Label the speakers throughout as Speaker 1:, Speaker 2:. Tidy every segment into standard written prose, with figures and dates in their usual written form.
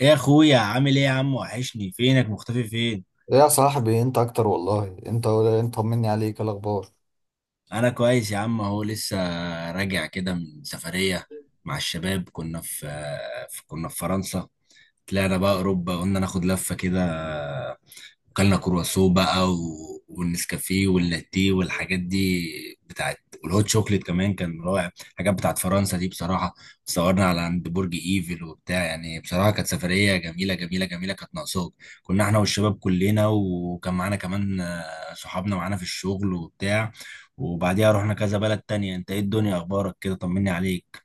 Speaker 1: ايه يا اخويا؟ عامل ايه يا عم؟ وحشني، فينك؟ مختفي فين؟
Speaker 2: إيه يا صاحبي، انت اكتر والله. انت طمني عليك، إيه الاخبار؟
Speaker 1: انا كويس يا عم، اهو لسه راجع كده من سفرية مع الشباب. كنا في فرنسا. طلعنا بقى اوروبا، قلنا ناخد لفة كده. وكلنا كرواسو بقى والنسكافيه واللاتيه والحاجات دي بتاعت، والهوت شوكليت كمان كان رائع. الحاجات بتاعت فرنسا دي بصراحة. صورنا على عند برج ايفل وبتاع، يعني بصراحة كانت سفرية جميلة جميلة جميلة، كانت ناقصاك. كنا احنا والشباب كلنا، وكان معانا كمان صحابنا معانا في الشغل وبتاع. وبعديها رحنا كذا بلد تانية. انت ايه؟ الدنيا اخبارك كده؟ طمني عليك.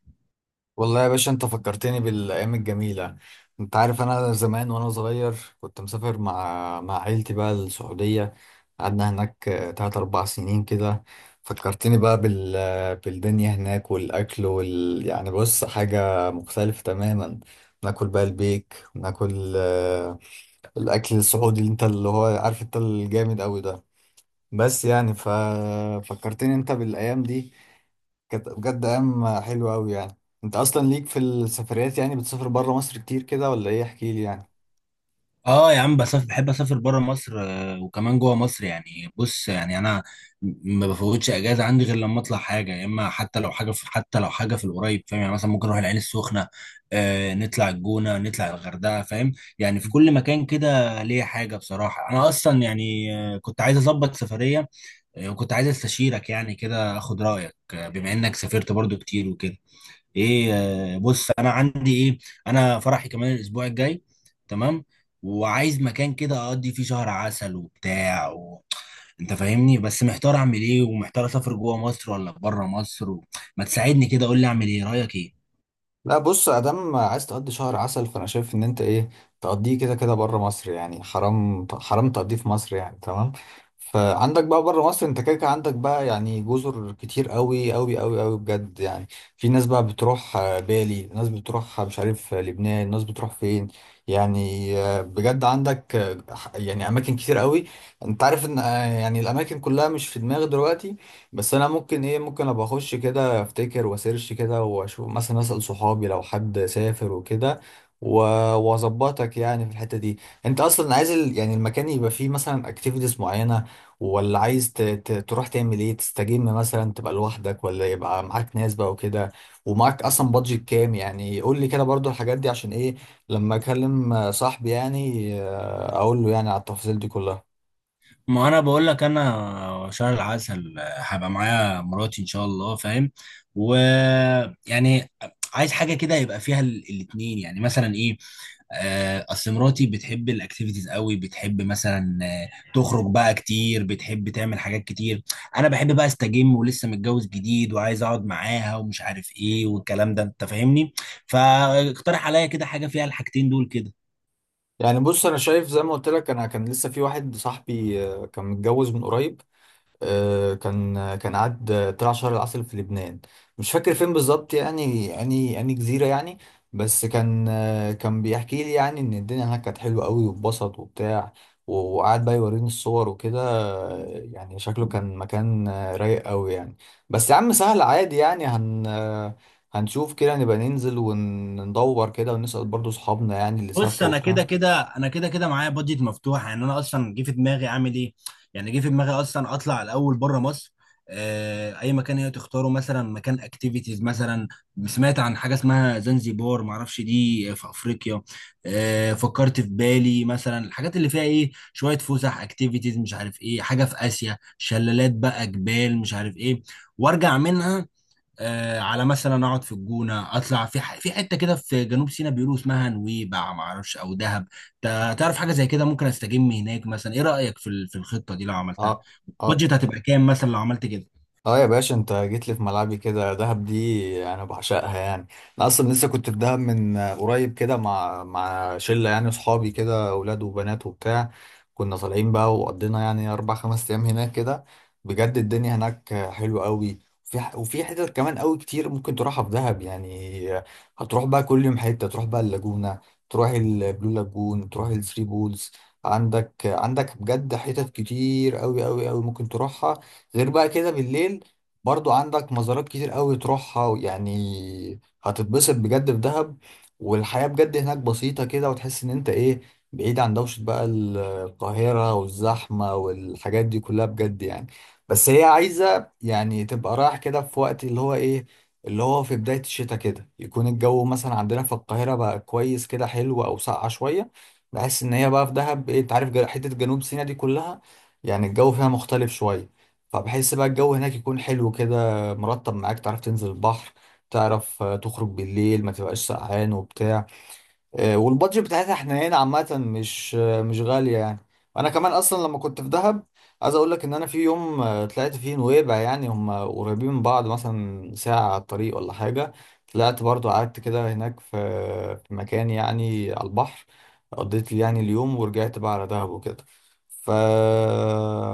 Speaker 2: والله يا باشا انت فكرتني بالايام الجميله. انت عارف انا زمان وانا صغير كنت مسافر مع عيلتي بقى السعوديه. قعدنا هناك تلات اربع سنين كده. فكرتني بقى بالدنيا هناك والاكل وال يعني، بص، حاجه مختلفه تماما. ناكل بقى البيك وناكل الاكل السعودي اللي انت اللي هو عارف انت الجامد قوي ده. بس يعني ففكرتني انت بالايام دي، كانت بجد ايام حلوه قوي يعني. انت اصلا ليك في السفريات يعني، بتسافر بره مصر كتير كده ولا ايه؟ احكي لي يعني.
Speaker 1: اه يا عم بسافر، بحب اسافر بره مصر وكمان جوه مصر. يعني بص، يعني انا ما بفوتش اجازه عندي غير لما اطلع حاجه، يا اما حتى لو حاجه في، حتى لو حاجه في القريب، فاهم يعني؟ مثلا ممكن اروح العين السخنه، آه، نطلع الجونه، نطلع الغردقه، فاهم؟ يعني في كل مكان كده ليا حاجه بصراحه. انا اصلا يعني كنت عايز اظبط سفريه، وكنت عايز استشيرك يعني كده، اخد رايك، بما انك سافرت برضو كتير وكده. ايه، بص انا عندي ايه، انا فرحي كمان الاسبوع الجاي، تمام؟ وعايز مكان كده اقضي فيه شهر عسل وبتاع انت فاهمني، بس محتار اعمل ايه، ومحتار اسافر جوه مصر ولا بره مصر ما تساعدني كده، قول لي اعمل ايه، رايك ايه؟
Speaker 2: لا بص، ادام عايز تقضي شهر عسل، فانا شايف ان انت ايه، تقضيه كده كده بره مصر. يعني حرام حرام تقضيه في مصر يعني، تمام؟ فعندك بقى بره مصر انت كده كده عندك بقى يعني جزر كتير قوي قوي قوي قوي بجد يعني. في ناس بقى بتروح بالي، ناس بتروح مش عارف، لبنان، ناس بتروح فين. يعني بجد عندك يعني اماكن كتير قوي. انت عارف ان يعني الاماكن كلها مش في دماغي دلوقتي، بس انا ممكن ايه، ممكن ابقى اخش كده افتكر واسيرش كده واشوف، مثلا اسال صحابي لو حد سافر وكده و- واظبطك يعني في الحته دي. انت اصلا عايز ال... يعني المكان يبقى فيه مثلا اكتيفيتيز معينه، ولا عايز تروح تعمل ايه، تستجم مثلا، تبقى لوحدك ولا يبقى معاك ناس بقى وكده؟ ومعاك اصلا بادجت كام؟ يعني قول لي كده برضو الحاجات دي، عشان ايه؟ لما اكلم صاحبي يعني اقول له يعني على التفاصيل دي كلها.
Speaker 1: ما انا بقول لك، انا شهر العسل هبقى معايا مراتي ان شاء الله، فاهم؟ ويعني عايز حاجه كده يبقى فيها الاتنين، يعني مثلا ايه، اصل مراتي بتحب الاكتيفيتيز قوي، بتحب مثلا تخرج بقى كتير، بتحب تعمل حاجات كتير. انا بحب بقى استجم، ولسه متجوز جديد وعايز اقعد معاها ومش عارف ايه والكلام ده، انت فاهمني. فاقترح عليا كده حاجه فيها الحاجتين دول كده.
Speaker 2: يعني بص، انا شايف زي ما قلت لك، انا كان لسه في واحد صاحبي كان متجوز من قريب، كان قعد طلع شهر العسل في لبنان. مش فاكر فين بالظبط، يعني يعني جزيرة يعني. بس كان كان بيحكي لي يعني ان الدنيا هناك كانت حلوة قوي واتبسط وبتاع وقعد بقى يوريني الصور وكده. يعني شكله كان مكان رايق قوي يعني. بس يا عم سهل عادي يعني، هن آه، هنشوف كده، نبقى ننزل وندور كده ونسأل برضو صحابنا يعني اللي
Speaker 1: بص
Speaker 2: سافروا
Speaker 1: انا
Speaker 2: وبتاع.
Speaker 1: كده كده، معايا بادجت مفتوحه. يعني انا اصلا جه في دماغي اعمل ايه، يعني جه في دماغي اصلا اطلع الاول بره مصر، اي مكان هي تختاره، مثلا مكان اكتيفيتيز مثلا. سمعت عن حاجه اسمها زنزبار، معرفش دي في افريقيا. فكرت في بالي مثلا الحاجات اللي فيها ايه، شويه فسح، اكتيفيتيز، مش عارف ايه، حاجه في اسيا، شلالات بقى، جبال، مش عارف ايه. وارجع منها آه على مثلا اقعد في الجونه، اطلع في في حته كده في جنوب سيناء، بيقولوا اسمها نويبع، ما اعرفش، او دهب. تعرف حاجه زي كده، ممكن استجم هناك مثلا. ايه رايك في في الخطه دي لو عملتها؟
Speaker 2: اه. اه.
Speaker 1: بادجت هتبقى كام مثلا لو عملت كده؟
Speaker 2: اه يا باشا، انت جيت لي في ملعبي كده. دهب دي انا بعشقها يعني. انا اصلا لسه كنت في دهب من قريب كده مع شله يعني اصحابي كده، اولاد وبنات وبتاع. كنا طالعين بقى وقضينا يعني اربع خمس ايام هناك كده. بجد الدنيا هناك حلوه قوي. وفي حتت كمان قوي كتير ممكن تروحها في دهب يعني. هتروح بقى كل يوم حته، تروح بقى اللاجونه، تروح البلو لاجون، تروح الثري بولز. عندك بجد حتت كتير قوي قوي قوي ممكن تروحها. غير بقى كده بالليل برضو عندك مزارات كتير قوي تروحها. يعني هتتبسط بجد في دهب. والحياة بجد هناك بسيطة كده، وتحس ان انت ايه، بعيد عن دوشة بقى القاهرة والزحمة والحاجات دي كلها بجد يعني. بس هي عايزة يعني تبقى رايح كده في وقت اللي هو ايه، اللي هو في بداية الشتاء كده، يكون الجو مثلا عندنا في القاهرة بقى كويس كده، حلو او ساقعة شوية. بحس ان هي بقى في دهب ايه، انت عارف حتة جنوب سيناء دي كلها يعني الجو فيها مختلف شوية. فبحس بقى الجو هناك يكون حلو كده، مرطب، معاك. تعرف تنزل البحر، تعرف تخرج بالليل، ما تبقاش سقعان وبتاع. والبادجت بتاعتها حنينه عامه، مش مش غاليه يعني. انا كمان اصلا لما كنت في دهب، عايز اقول لك ان انا في يوم طلعت فيه نويبع. يعني هم قريبين من بعض، مثلا ساعه على الطريق ولا حاجه. طلعت برضو، قعدت كده هناك في في مكان يعني على البحر. قضيت لي يعني اليوم ورجعت بقى على دهب وكده. ف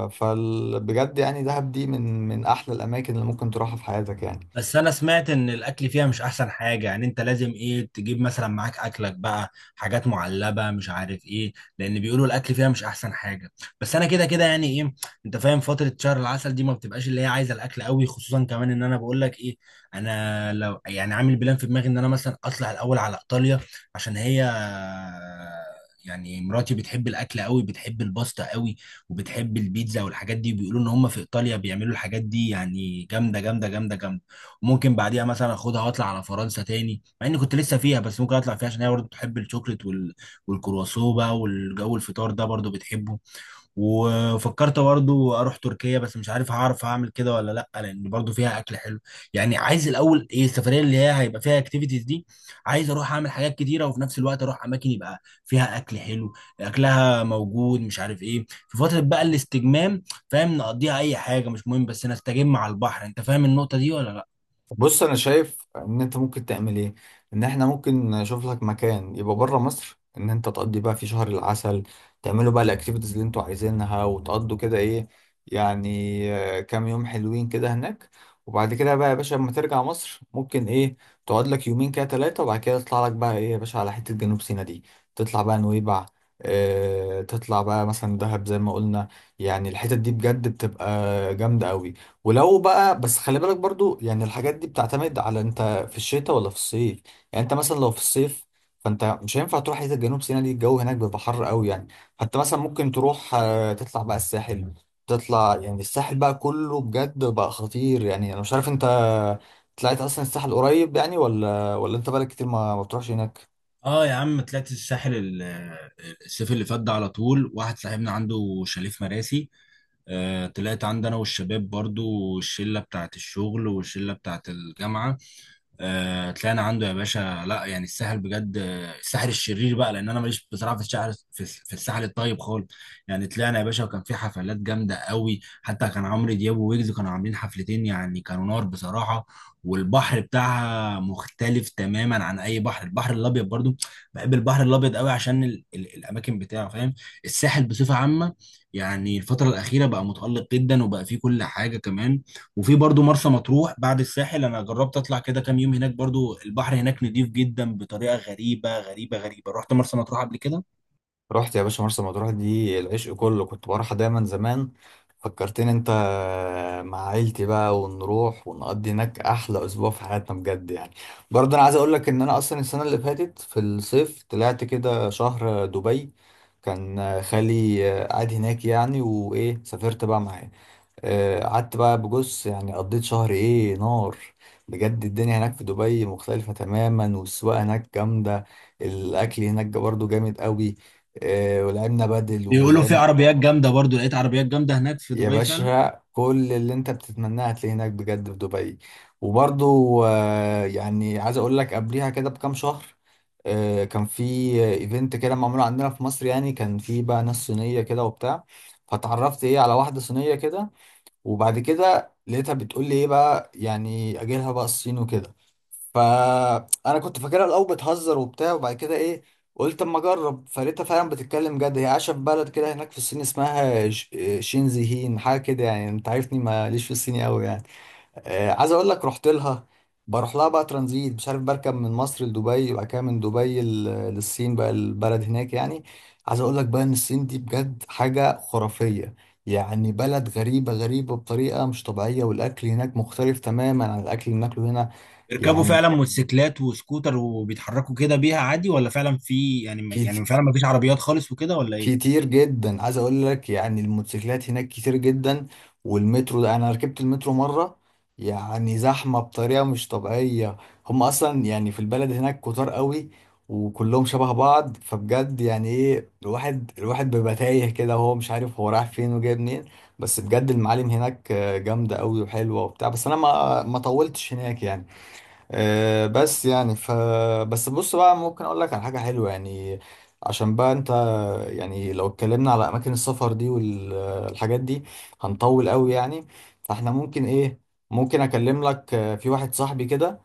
Speaker 2: فال... بجد يعني دهب دي من احلى الاماكن اللي ممكن تروحها في حياتك يعني.
Speaker 1: بس انا سمعت ان الاكل فيها مش احسن حاجه، يعني انت لازم ايه، تجيب مثلا معاك اكلك بقى، حاجات معلبه، مش عارف ايه، لان بيقولوا الاكل فيها مش احسن حاجه. بس انا كده كده يعني ايه، انت فاهم، فتره شهر العسل دي ما بتبقاش اللي هي عايزه الاكل قوي. خصوصا كمان ان انا بقول لك ايه، انا لو يعني عامل بلان في دماغي ان انا مثلا اطلع الاول على ايطاليا، عشان هي يعني، مراتي بتحب الاكل قوي، بتحب الباستا قوي، وبتحب البيتزا والحاجات دي. بيقولوا ان هم في ايطاليا بيعملوا الحاجات دي يعني جامده جامده جامده جامده. ممكن بعديها مثلا اخدها واطلع على فرنسا تاني، مع اني كنت لسه فيها، بس ممكن اطلع فيها عشان هي برضه بتحب الشوكليت والكرواسون بقى والجو، الفطار ده برضه بتحبه. وفكرت برضه اروح تركيا، بس مش عارف هعرف اعمل كده ولا لا، لان برضه فيها اكل حلو. يعني عايز الاول ايه، السفريه اللي هي هيبقى فيها اكتيفيتيز دي، عايز اروح اعمل حاجات كتيره، وفي نفس الوقت اروح اماكن يبقى فيها اكل حلو، اكلها موجود، مش عارف ايه. في فتره بقى الاستجمام، فاهم، نقضيها اي حاجه مش مهم، بس نستجم على البحر. انت فاهم النقطه دي ولا لا؟
Speaker 2: بص انا شايف ان انت ممكن تعمل ايه، ان احنا ممكن نشوف لك مكان يبقى بره مصر، ان انت تقضي بقى في شهر العسل، تعملوا بقى الاكتيفيتيز اللي انتوا عايزينها، وتقضوا كده ايه يعني كام يوم حلوين كده هناك. وبعد كده بقى يا باشا لما ترجع مصر، ممكن ايه، تقعد لك يومين كده ثلاثة، وبعد كده تطلع لك بقى ايه يا باشا على حتة جنوب سيناء دي. تطلع بقى نويبع، اه تطلع بقى مثلا دهب زي ما قلنا. يعني الحتت دي بجد بتبقى جامدة قوي. ولو بقى بس خلي بالك برضو، يعني الحاجات دي بتعتمد على انت في الشتاء ولا في الصيف. يعني انت مثلا لو في الصيف، فانت مش هينفع تروح حته جنوب سيناء دي، الجو هناك بيبقى حر قوي يعني. فانت مثلا ممكن تروح تطلع بقى الساحل. تطلع يعني الساحل بقى كله بجد بقى خطير يعني. انا مش عارف انت طلعت اصلا الساحل قريب يعني، ولا انت بقالك كتير ما بتروحش هناك؟
Speaker 1: اه يا عم، طلعت الساحل الصيف اللي فات ده، على طول. واحد صاحبنا عنده شاليه في مراسي، آه طلعت عندي انا والشباب، برضو الشلة بتاعت الشغل والشلة بتاعت الجامعة. طلعنا عنده يا باشا. لا يعني، الساحل بجد الساحل الشرير بقى، لان انا ماليش بصراحه في الساحل، في الساحل الطيب خالص. يعني طلعنا يا باشا، وكان في حفلات جامده قوي، حتى كان عمرو دياب وويجز كانوا عاملين حفلتين، يعني كانوا نار بصراحه. والبحر بتاعها مختلف تماما عن اي بحر، البحر الابيض برضو. بحب البحر الابيض قوي عشان ال الاماكن بتاعه، فاهم؟ الساحل بصفه عامه يعني الفتره الاخيره بقى متالق جدا، وبقى فيه كل حاجه كمان. وفي برضو مرسى مطروح بعد الساحل، انا جربت اطلع كده كام يوم هناك، برضو البحر هناك نضيف جدا بطريقه غريبه غريبه غريبه، رحت مرسى مطروح قبل كده.
Speaker 2: رحت يا باشا مرسى مطروح دي العشق كله، كنت بروحها دايما زمان. فكرتني انت، مع عيلتي بقى، ونروح ونقضي هناك احلى اسبوع في حياتنا بجد يعني. برضه انا عايز اقول لك ان انا اصلا السنه اللي فاتت في الصيف طلعت كده شهر دبي. كان خالي قاعد هناك يعني، وايه، سافرت بقى معاه. قعدت بقى بجص، يعني قضيت شهر ايه، نار. بجد الدنيا هناك في دبي مختلفة تماما، والسواقة هناك جامدة، الأكل هناك برضو جامد قوي. ولعبنا بدل
Speaker 1: بيقولوا في
Speaker 2: ولعبنا
Speaker 1: عربيات جامده، برضو لقيت عربيات جامده هناك في
Speaker 2: يا
Speaker 1: دبي فعلا.
Speaker 2: باشا كل اللي انت بتتمناه هتلاقيه هناك بجد في دبي. وبرضو يعني عايز اقول لك قبليها كده بكام شهر، كان في ايفنت كده معمول عندنا في مصر، يعني كان في بقى ناس صينية كده وبتاع. فتعرفت ايه على واحدة صينية كده، وبعد كده لقيتها بتقول لي ايه بقى، يعني اجيلها بقى الصين وكده. فانا كنت فاكرها الاول بتهزر وبتاع، وبعد كده ايه، قلت اما اجرب، فلقيتها فعلا بتتكلم جد. هي عايشه في بلد كده هناك في الصين اسمها شينزيهين حاجه كده. يعني انت عارفني ماليش في الصيني قوي يعني. عايز اقول لك رحت لها. بروح لها بقى ترانزيت، مش عارف، بركب من مصر لدبي، وبعد كده من دبي للصين بقى البلد هناك يعني. عايز اقول لك بقى ان الصين دي بجد حاجة خرافية. يعني بلد غريبة بطريقة مش طبيعية، والاكل هناك مختلف تماما عن الاكل اللي بناكله هنا.
Speaker 1: بيركبوا
Speaker 2: يعني
Speaker 1: فعلا موتوسيكلات وسكوتر وبيتحركوا كده بيها عادي، ولا فعلا في يعني، فعلا ما فيش عربيات خالص وكده ولا ايه؟
Speaker 2: كتير جدا، عايز اقول لك يعني الموتوسيكلات هناك كتير جدا. والمترو ده، انا ركبت المترو مره، يعني زحمه بطريقه مش طبيعيه. هم اصلا يعني في البلد هناك كتار قوي، وكلهم شبه بعض. فبجد يعني ايه، الواحد بيبقى تايه كده وهو مش عارف هو رايح فين وجاي منين. بس بجد المعالم هناك جامده قوي وحلوه وبتاع. بس انا ما طولتش هناك يعني. آه، بس يعني ف بس بص بقى، ممكن اقول لك على حاجه حلوه يعني. عشان بقى انت، يعني لو اتكلمنا على اماكن السفر دي والحاجات دي هنطول قوي يعني. فاحنا ممكن ايه، ممكن اكلم لك في واحد صاحبي كده،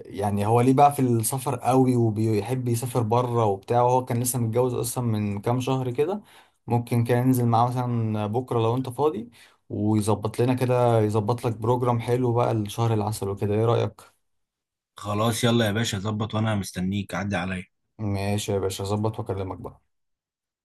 Speaker 2: يعني هو ليه بقى في السفر قوي وبيحب يسافر بره وبتاع، وهو كان لسه متجوز اصلا من كام شهر كده. ممكن كان ينزل معاه مثلا بكره لو انت فاضي، ويظبط لنا كده، يظبط لك بروجرام حلو بقى لشهر العسل وكده، ايه رايك؟
Speaker 1: خلاص يلا يا باشا، ظبط وانا مستنيك، عدي عليا.
Speaker 2: ماشي يا باشا، هظبط واكلمك بقى.